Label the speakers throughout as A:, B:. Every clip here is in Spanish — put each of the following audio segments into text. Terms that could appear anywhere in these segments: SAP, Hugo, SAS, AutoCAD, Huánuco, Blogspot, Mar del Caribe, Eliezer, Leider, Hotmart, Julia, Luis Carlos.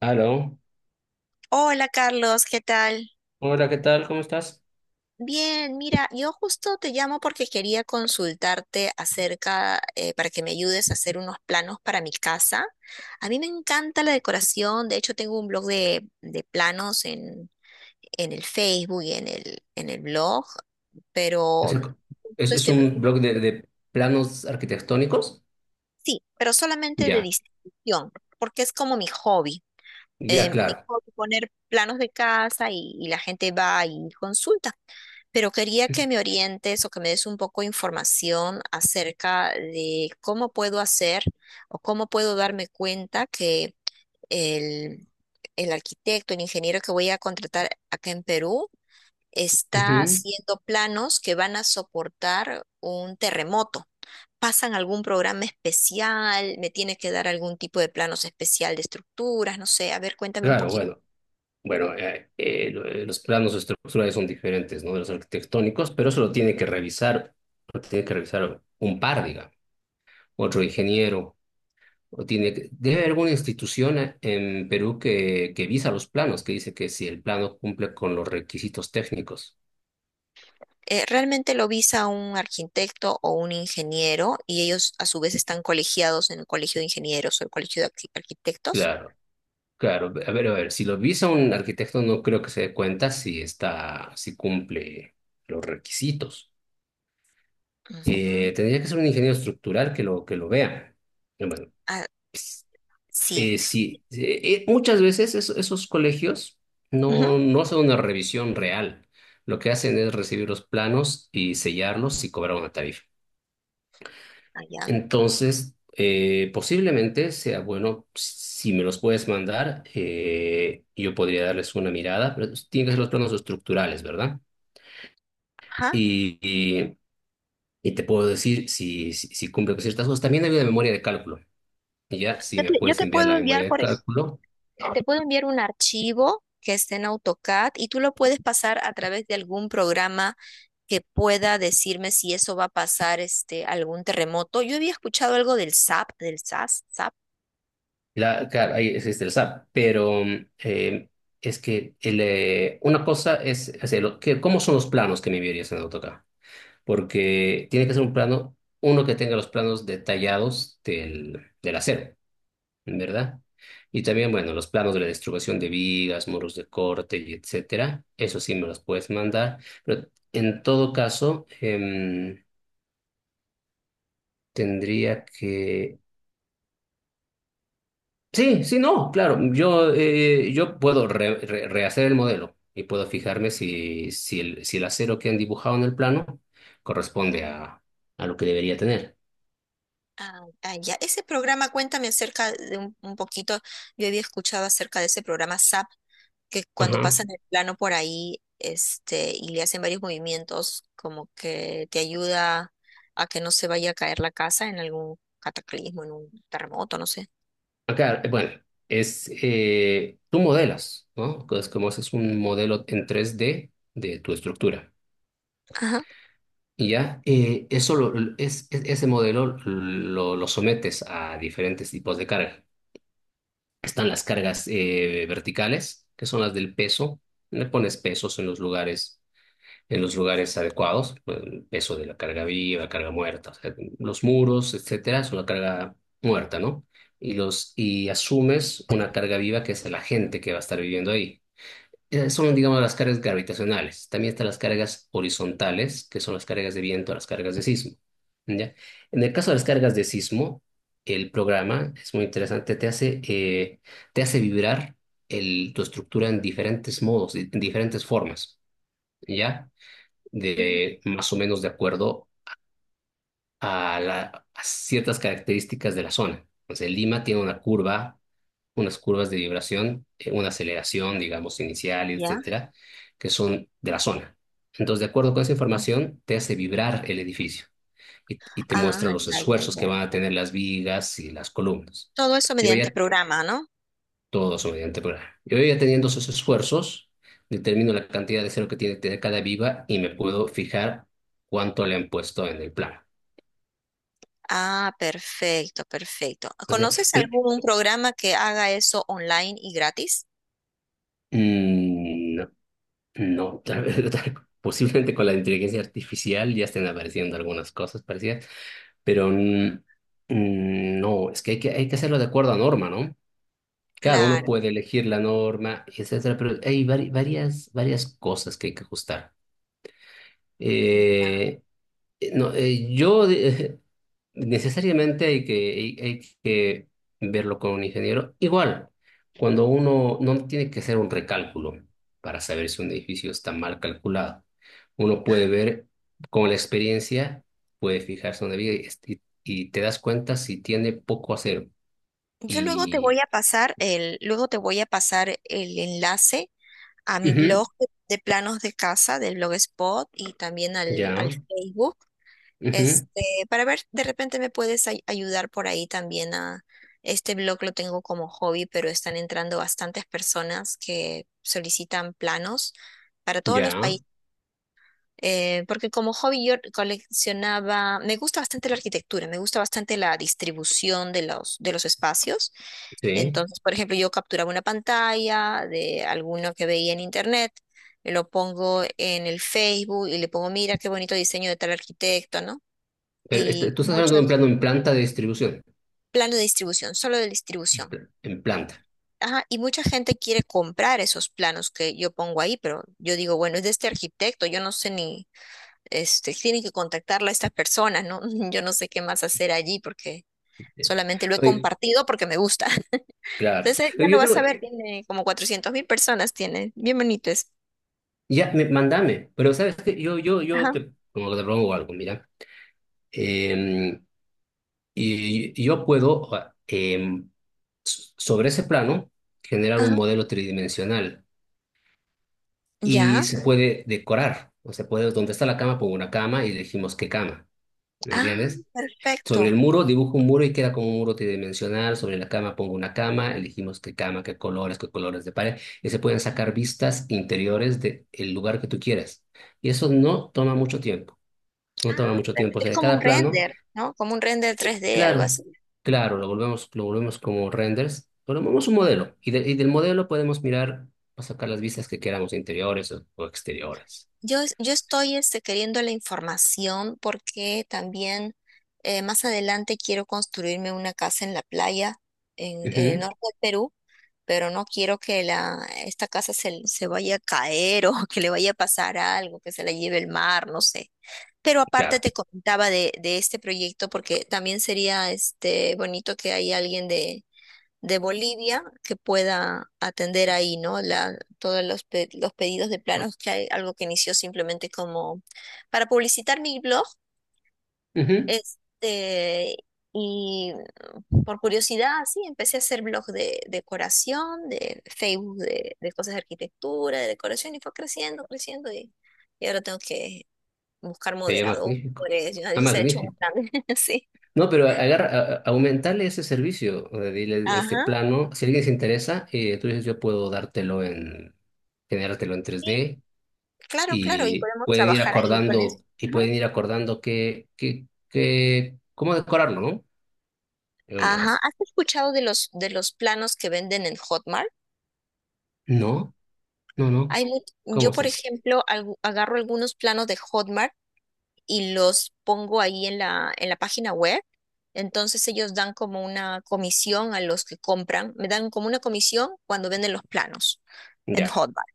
A: Aló,
B: Hola Carlos, ¿qué tal?
A: hola, ¿qué tal? ¿Cómo estás?
B: Bien, mira, yo justo te llamo porque quería consultarte acerca, para que me ayudes a hacer unos planos para mi casa. A mí me encanta la decoración, de hecho tengo un blog de planos en el Facebook y en el blog.
A: ¿Es,
B: pero
A: el-
B: justo
A: ¿Es
B: estoy, pre-
A: un blog de planos arquitectónicos?
B: sí, pero solamente de
A: Ya,
B: distribución, porque es como mi hobby. eh,
A: ya,
B: mi
A: claro.
B: hobby, poner planos de casa y la gente va y consulta. Pero quería que me orientes o que me des un poco de información acerca de cómo puedo hacer o cómo puedo darme cuenta que el, el arquitecto, el ingeniero que voy a contratar acá en Perú está
A: Ujú.
B: haciendo planos que van a soportar un terremoto. ¿Pasan algún programa especial? ¿Me tiene que dar algún tipo de planos especial de estructuras? No sé, a ver, cuéntame un
A: Claro,
B: poquito.
A: bueno, bueno, los planos estructurales son diferentes, ¿no? De los arquitectónicos, pero eso lo tiene que revisar, lo tiene que revisar un par, digamos, otro ingeniero, o debe haber alguna institución en Perú que visa los planos, que dice que si el plano cumple con los requisitos técnicos.
B: Realmente lo visa un arquitecto o un ingeniero y ellos a su vez están colegiados en el colegio de ingenieros o el colegio de arquitectos.
A: Claro. Claro, a ver, si lo visa un arquitecto no creo que se dé cuenta si está, si cumple los requisitos.
B: Ujú.
A: Tendría que ser un ingeniero estructural que lo vea. Bueno,
B: Ah,
A: ps-
B: sí.
A: sí, muchas veces esos colegios
B: Ujú.
A: no hacen una revisión real. Lo que hacen es recibir los planos y sellarlos y cobrar una tarifa.
B: Allá.
A: Entonces, posiblemente sea bueno, si me los puedes mandar, yo podría darles una mirada, pero tienen que ser los planos estructurales, ¿verdad?
B: Ajá.
A: Y, y, y te puedo decir si cumple con ciertas cosas. También hay una memoria de cálculo, y ya, si
B: Yo
A: me
B: te, yo
A: puedes
B: te
A: enviar la
B: puedo
A: memoria
B: enviar
A: de
B: por eso.
A: cálculo,
B: Te puedo enviar un archivo que esté en AutoCAD y tú lo puedes pasar a través de algún programa que pueda decirme si eso va a pasar este algún terremoto. Yo había escuchado algo del SAP, del SAS, SAP.
A: claro, ahí existe el SAP, pero es que una cosa es, ¿cómo son los planos que me enviarías en AutoCAD? Porque tiene que ser un plano, uno que tenga los planos detallados del, del acero, ¿verdad? Y también, bueno, los planos de la distribución de vigas, muros de corte y etcétera, eso sí me los puedes mandar, pero en todo caso, tendría que... Sí, sí, no, claro, yo, yo puedo rehacer el modelo y puedo fijarme si el acero que han dibujado en el plano corresponde a lo que debería tener.
B: Ah, ah, ya. Ese programa, cuéntame acerca de un poquito. Yo había escuchado acerca de ese programa SAP, que cuando
A: Ajá.
B: pasan el plano por ahí, este, y le hacen varios movimientos, como que te ayuda a que no se vaya a caer la casa en algún cataclismo, en un terremoto, no sé.
A: Acá, bueno, tú modelas, ¿no? Es como haces un modelo en 3D de tu estructura.
B: Ajá.
A: Y ya, eso ese modelo lo sometes a diferentes tipos de carga. Están las cargas verticales, que son las del peso. Le pones pesos en los lugares adecuados, pues, el peso de la carga viva, carga muerta, o sea, los muros, etcétera, es una carga muerta, ¿no? Y asumes una carga viva que es la gente que va a estar viviendo ahí. Son, digamos, las cargas gravitacionales. También están las cargas horizontales, que son las cargas de viento, las cargas de sismo. ¿Ya? En el caso de las cargas de sismo, el programa es muy interesante, te hace vibrar tu estructura en diferentes modos, en diferentes formas. ¿Ya?
B: Ujú.
A: De más o menos de acuerdo a, la- a ciertas características de la zona. Entonces, Lima tiene una curva, unas curvas de vibración, una aceleración, digamos, inicial,
B: Ya.
A: etcétera, que son de la zona. Entonces, de acuerdo con esa
B: Ah,
A: información, te hace vibrar el edificio y te
B: ah,
A: muestra los
B: ya, ya,
A: esfuerzos que
B: ya,
A: van a tener
B: ya.
A: las vigas y las columnas.
B: Todo eso
A: Yo
B: mediante
A: ya
B: programa, ¿no?
A: todos mediante programa. Yo ya teniendo esos esfuerzos, determino la cantidad de cero que tiene que tener cada viva y me puedo fijar cuánto le han puesto en el plano.
B: Ah, perfecto, perfecto.
A: Entonces,
B: ¿Conoces
A: pero
B: algún programa que haga eso online y gratis?
A: no, no, posiblemente con la inteligencia artificial ya estén apareciendo algunas cosas parecidas, pero no, es que hay que hacerlo de acuerdo a norma, ¿no? Claro, uno
B: Claro.
A: puede elegir la norma, etcétera, pero hay varias, varias cosas que hay que ajustar.
B: Ya.
A: Eh, No, yo necesariamente hay que verlo con un ingeniero. Igual, cuando uno no tiene que hacer un recálculo para saber si un edificio está mal calculado, uno puede ver con la experiencia, puede fijarse donde vive y, y te das cuenta si tiene poco acero.
B: Yo luego te voy
A: Y
B: a pasar el enlace a mi
A: ujú,
B: blog de planos de casa, del Blogspot y también al
A: ya,
B: Facebook,
A: ujú,
B: este, para ver, de repente me puedes ayudar por ahí también este blog lo tengo como hobby, pero están entrando bastantes personas que solicitan planos para todos los
A: ya,
B: países. Porque como hobby yo coleccionaba, me gusta bastante la arquitectura, me gusta bastante la distribución de de los espacios.
A: sí.
B: Entonces, por ejemplo, yo capturaba una pantalla de alguno que veía en internet, lo pongo en el Facebook y le pongo, mira qué bonito diseño de tal arquitecto, ¿no?
A: Pero este,
B: Y
A: tú estás hablando de un
B: muchos
A: plano en planta de distribución,
B: planos de distribución, solo de distribución.
A: en planta.
B: Ajá, y mucha gente quiere comprar esos planos que yo pongo ahí, pero yo digo, bueno, es de este arquitecto, yo no sé ni este, tienen que contactarla a estas personas, ¿no? Yo no sé qué más hacer allí porque solamente lo he
A: Oye,
B: compartido porque me gusta.
A: claro.
B: Entonces ya
A: Pero
B: lo
A: yo
B: vas a
A: tengo,
B: ver, tiene como 400.000 personas, tiene, bien bonito es.
A: ya, me, mandame, pero sabes que yo, yo
B: Ajá,
A: te, como que te propongo algo, mira. Em, y yo puedo, sobre ese plano, generar un
B: ajá,
A: modelo tridimensional y
B: ya,
A: se puede decorar. O sea, puede, donde está la cama, pongo una cama y elegimos qué cama. ¿Me
B: ah,
A: entiendes?
B: perfecto.
A: Sobre el muro dibujo un muro y queda como un muro tridimensional. Sobre la cama pongo una cama, elegimos qué cama, qué colores de pared. Y se pueden
B: Ujú.
A: sacar vistas interiores del lugar que tú quieras. Y eso no toma mucho tiempo, no toma
B: Ah,
A: mucho tiempo. O
B: es
A: sea, de
B: como un
A: cada plano,
B: render, ¿no? Como un render 3D, algo
A: claro,
B: así.
A: claro, lo volvemos como renders, volvemos un
B: Ujú.
A: modelo. Y del modelo podemos mirar, o sacar las vistas que queramos, interiores o exteriores.
B: Yo, yo estoy este, queriendo la información porque también más adelante quiero construirme una casa en la playa en el
A: Ujú,
B: norte del Perú pero no quiero que esta casa se vaya a caer o que le vaya a pasar algo, que se la lleve el mar, no sé. Pero aparte
A: claro.
B: te comentaba de este proyecto porque también sería este bonito que haya alguien de Bolivia que pueda atender ahí, ¿no? La, todos los, pe- los pedidos de planos, que hay algo que inició simplemente como para publicitar mi blog,
A: Ujú.
B: este, y por curiosidad, sí, empecé a hacer blogs de decoración, de Facebook de cosas de arquitectura, de decoración, y fue creciendo, creciendo, y ahora tengo que buscar
A: Sería
B: moderadores,
A: magnífico.
B: y ahí
A: Ah,
B: se ha hecho un
A: magnífico.
B: plan. Sí.
A: No, pero agarra, aumentarle ese servicio, o dile este
B: Ajá,
A: plano. Si alguien se interesa, tú dices, yo puedo dártelo en, generártelo en
B: sí,
A: 3D
B: claro, claro, y
A: y
B: podemos
A: pueden ir
B: trabajar ahí con eso.
A: acordando, y
B: Ajá.
A: pueden ir acordando que, cómo decorarlo, ¿no? En una de
B: Ajá,
A: esas.
B: ¿has escuchado de de los planos que venden en Hotmart?
A: No, no, no.
B: Hay
A: ¿Cómo
B: yo,
A: es
B: por
A: eso?
B: ejemplo, agarro algunos planos de Hotmart y los pongo ahí en la página web. Entonces ellos dan como una comisión a los que compran, me dan como una comisión cuando venden los planos en
A: Ya.
B: Hotmart.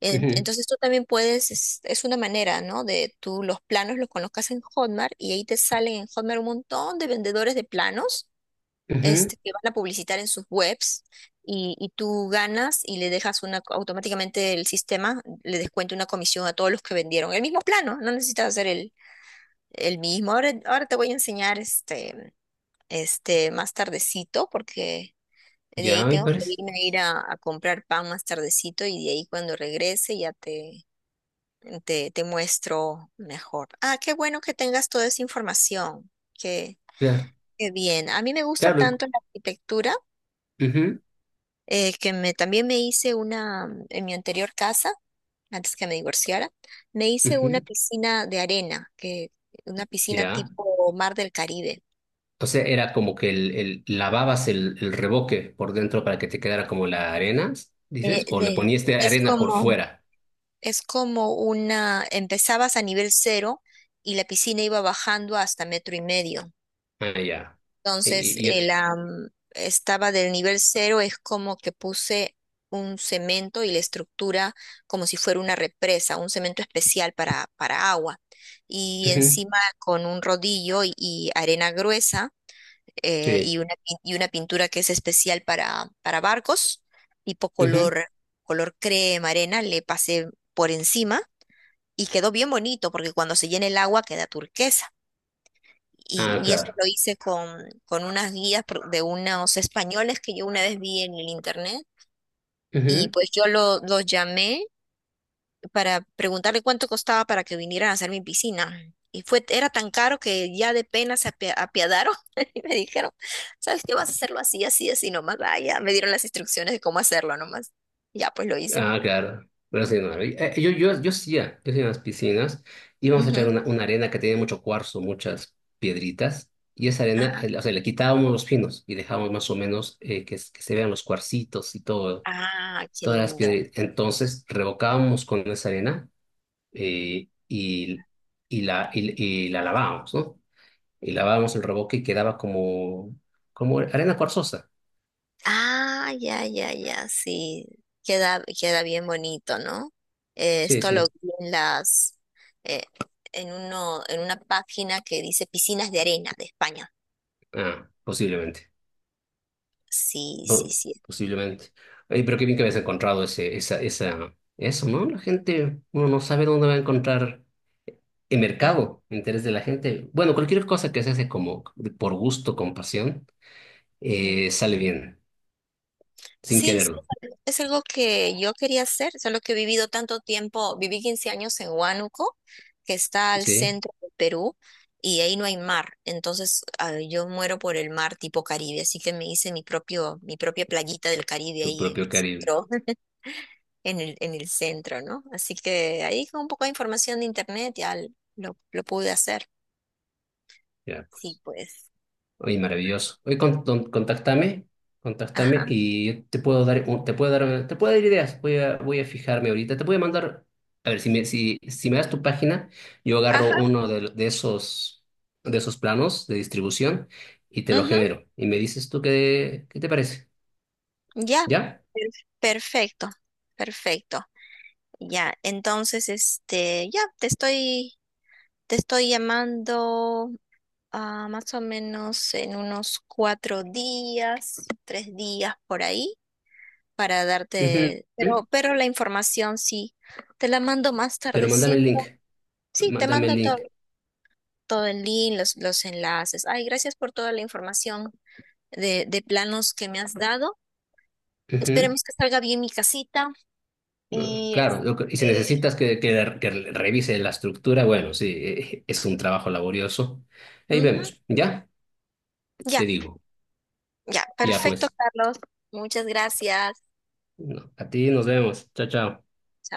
A: Ujú,
B: Entonces tú también puedes, es una manera, ¿no? De tú los planos los conozcas en Hotmart y ahí te salen en Hotmart un montón de vendedores de planos
A: ujú.
B: este, que van a publicitar en sus webs y tú ganas y le dejas una, automáticamente el sistema le descuenta una comisión a todos los que vendieron el mismo plano, no necesitas hacer el mismo. Ahora te voy a enseñar este más tardecito, porque de
A: Ya
B: ahí
A: me
B: tengo que
A: parece.
B: irme a ir a comprar pan más tardecito y de ahí cuando regrese ya te muestro mejor. Ah, qué bueno que tengas toda esa información. Qué,
A: Claro,
B: qué bien. A mí me gusta
A: claro.
B: tanto la arquitectura
A: Ujú,
B: que me, también me hice una, en mi anterior casa, antes que me divorciara, me hice una
A: ujú.
B: piscina de arena, que, una piscina
A: Ya.
B: tipo Mar del Caribe.
A: O sea, era como que lavabas el revoque por dentro para que te quedara como la arena,
B: Eh,
A: dices, o le
B: de-
A: ponías de
B: es
A: arena por
B: como,
A: fuera.
B: es como una, empezabas a nivel cero y la piscina iba bajando hasta metro y medio.
A: Ah, ya. Y,
B: Entonces,
A: y- y-
B: estaba del nivel cero, es como que puse un cemento y la estructura como si fuera una represa, un cemento especial para agua. Y
A: ujú,
B: encima con un rodillo y arena gruesa
A: sí.
B: y una pintura que es especial para barcos, tipo
A: Ujú.
B: color, color crema, arena, le pasé por encima y quedó bien bonito porque cuando se llena el agua queda turquesa. Y,
A: Ah,
B: y eso
A: claro.
B: lo hice con unas guías de unos españoles que yo una vez vi en el internet. Y
A: Ujú.
B: pues yo los llamé para preguntarle cuánto costaba para que vinieran a hacer mi piscina. Y fue, era tan caro que ya de pena se apiadaron y me dijeron, ¿sabes qué? Vas a hacerlo así, así, así nomás. Ah, ya me dieron las instrucciones de cómo hacerlo nomás. Ya, pues lo hice.
A: Ah, claro. Pero sí, no, yo, yo hacía en las piscinas, íbamos a echar
B: Ujú.
A: una arena que tenía mucho cuarzo, muchas piedritas, y esa arena,
B: Ajá.
A: o sea, le quitábamos los finos y dejábamos más o menos que se vean los cuarcitos y todo.
B: Ah, qué
A: Todas las
B: lindo.
A: piedritas. Entonces revocábamos con esa arena eh, y, y, la, y, y la lavábamos, ¿no? Y lavábamos el revoque y quedaba como, como arena cuarzosa.
B: Ah, ya, ya, ya, sí. Queda bien bonito, ¿no?
A: Sí,
B: Esto lo
A: sí.
B: vi en las, eh, en uno, en una página que dice piscinas de arena de España.
A: Ah, posiblemente.
B: Sí,
A: Po-
B: sí, sí.
A: posiblemente. Oye, pero qué bien que habías encontrado ese, eso, ¿no? La gente, uno no sabe dónde va a encontrar el
B: Mm,
A: mercado, el interés de la gente. Bueno, cualquier cosa que se hace como por gusto, con pasión,
B: ujú.
A: sale bien, sin
B: Sí, sí,
A: quererlo,
B: es algo que yo quería hacer, solo que he vivido tanto tiempo, viví 15 años en Huánuco, que está al
A: ¿sí?
B: centro de Perú, y ahí no hay mar, entonces yo muero por el mar tipo Caribe, así que me hice mi propia playita del Caribe
A: Tu
B: ahí en el
A: propio Caribe.
B: centro, en el centro, ¿no? Así que ahí con un poco de información de internet ya lo pude hacer.
A: Ya,
B: Sí,
A: pues.
B: pues.
A: Oye, maravilloso. Oye, contáctame, contáctame
B: Ajá.
A: y te puedo dar, te puedo dar, te puedo dar ideas. Voy a fijarme ahorita. Te voy a mandar, a ver, si me das tu página, yo agarro
B: Ajá.
A: uno de esos planos de distribución y te lo
B: Ujú.
A: genero. Y me dices tú qué te parece.
B: Ya.
A: ¿Ya?
B: Per- Perfecto. Perfecto. Ya, entonces, este, ya, te estoy llamando más o menos en unos 4 días, 3 días por ahí, para
A: Ujú,
B: darte,
A: ujú.
B: pero la información sí, te la mando más
A: Pero mándame el
B: tardecito.
A: link.
B: Sí, te
A: Mándame el
B: mando todo,
A: link.
B: todo el link, los enlaces. Ay, gracias por toda la información de planos que me has dado.
A: Ujú.
B: Esperemos que salga bien mi casita
A: No,
B: y
A: claro, y si
B: este,
A: necesitas que revise la estructura, bueno, sí, es un trabajo laborioso. Ahí
B: ujú,
A: vemos, ¿ya?
B: ya.
A: Te digo,
B: Ya,
A: ya
B: perfecto,
A: pues,
B: Carlos. Muchas gracias.
A: no, a ti nos vemos, chao, chao.
B: Chao.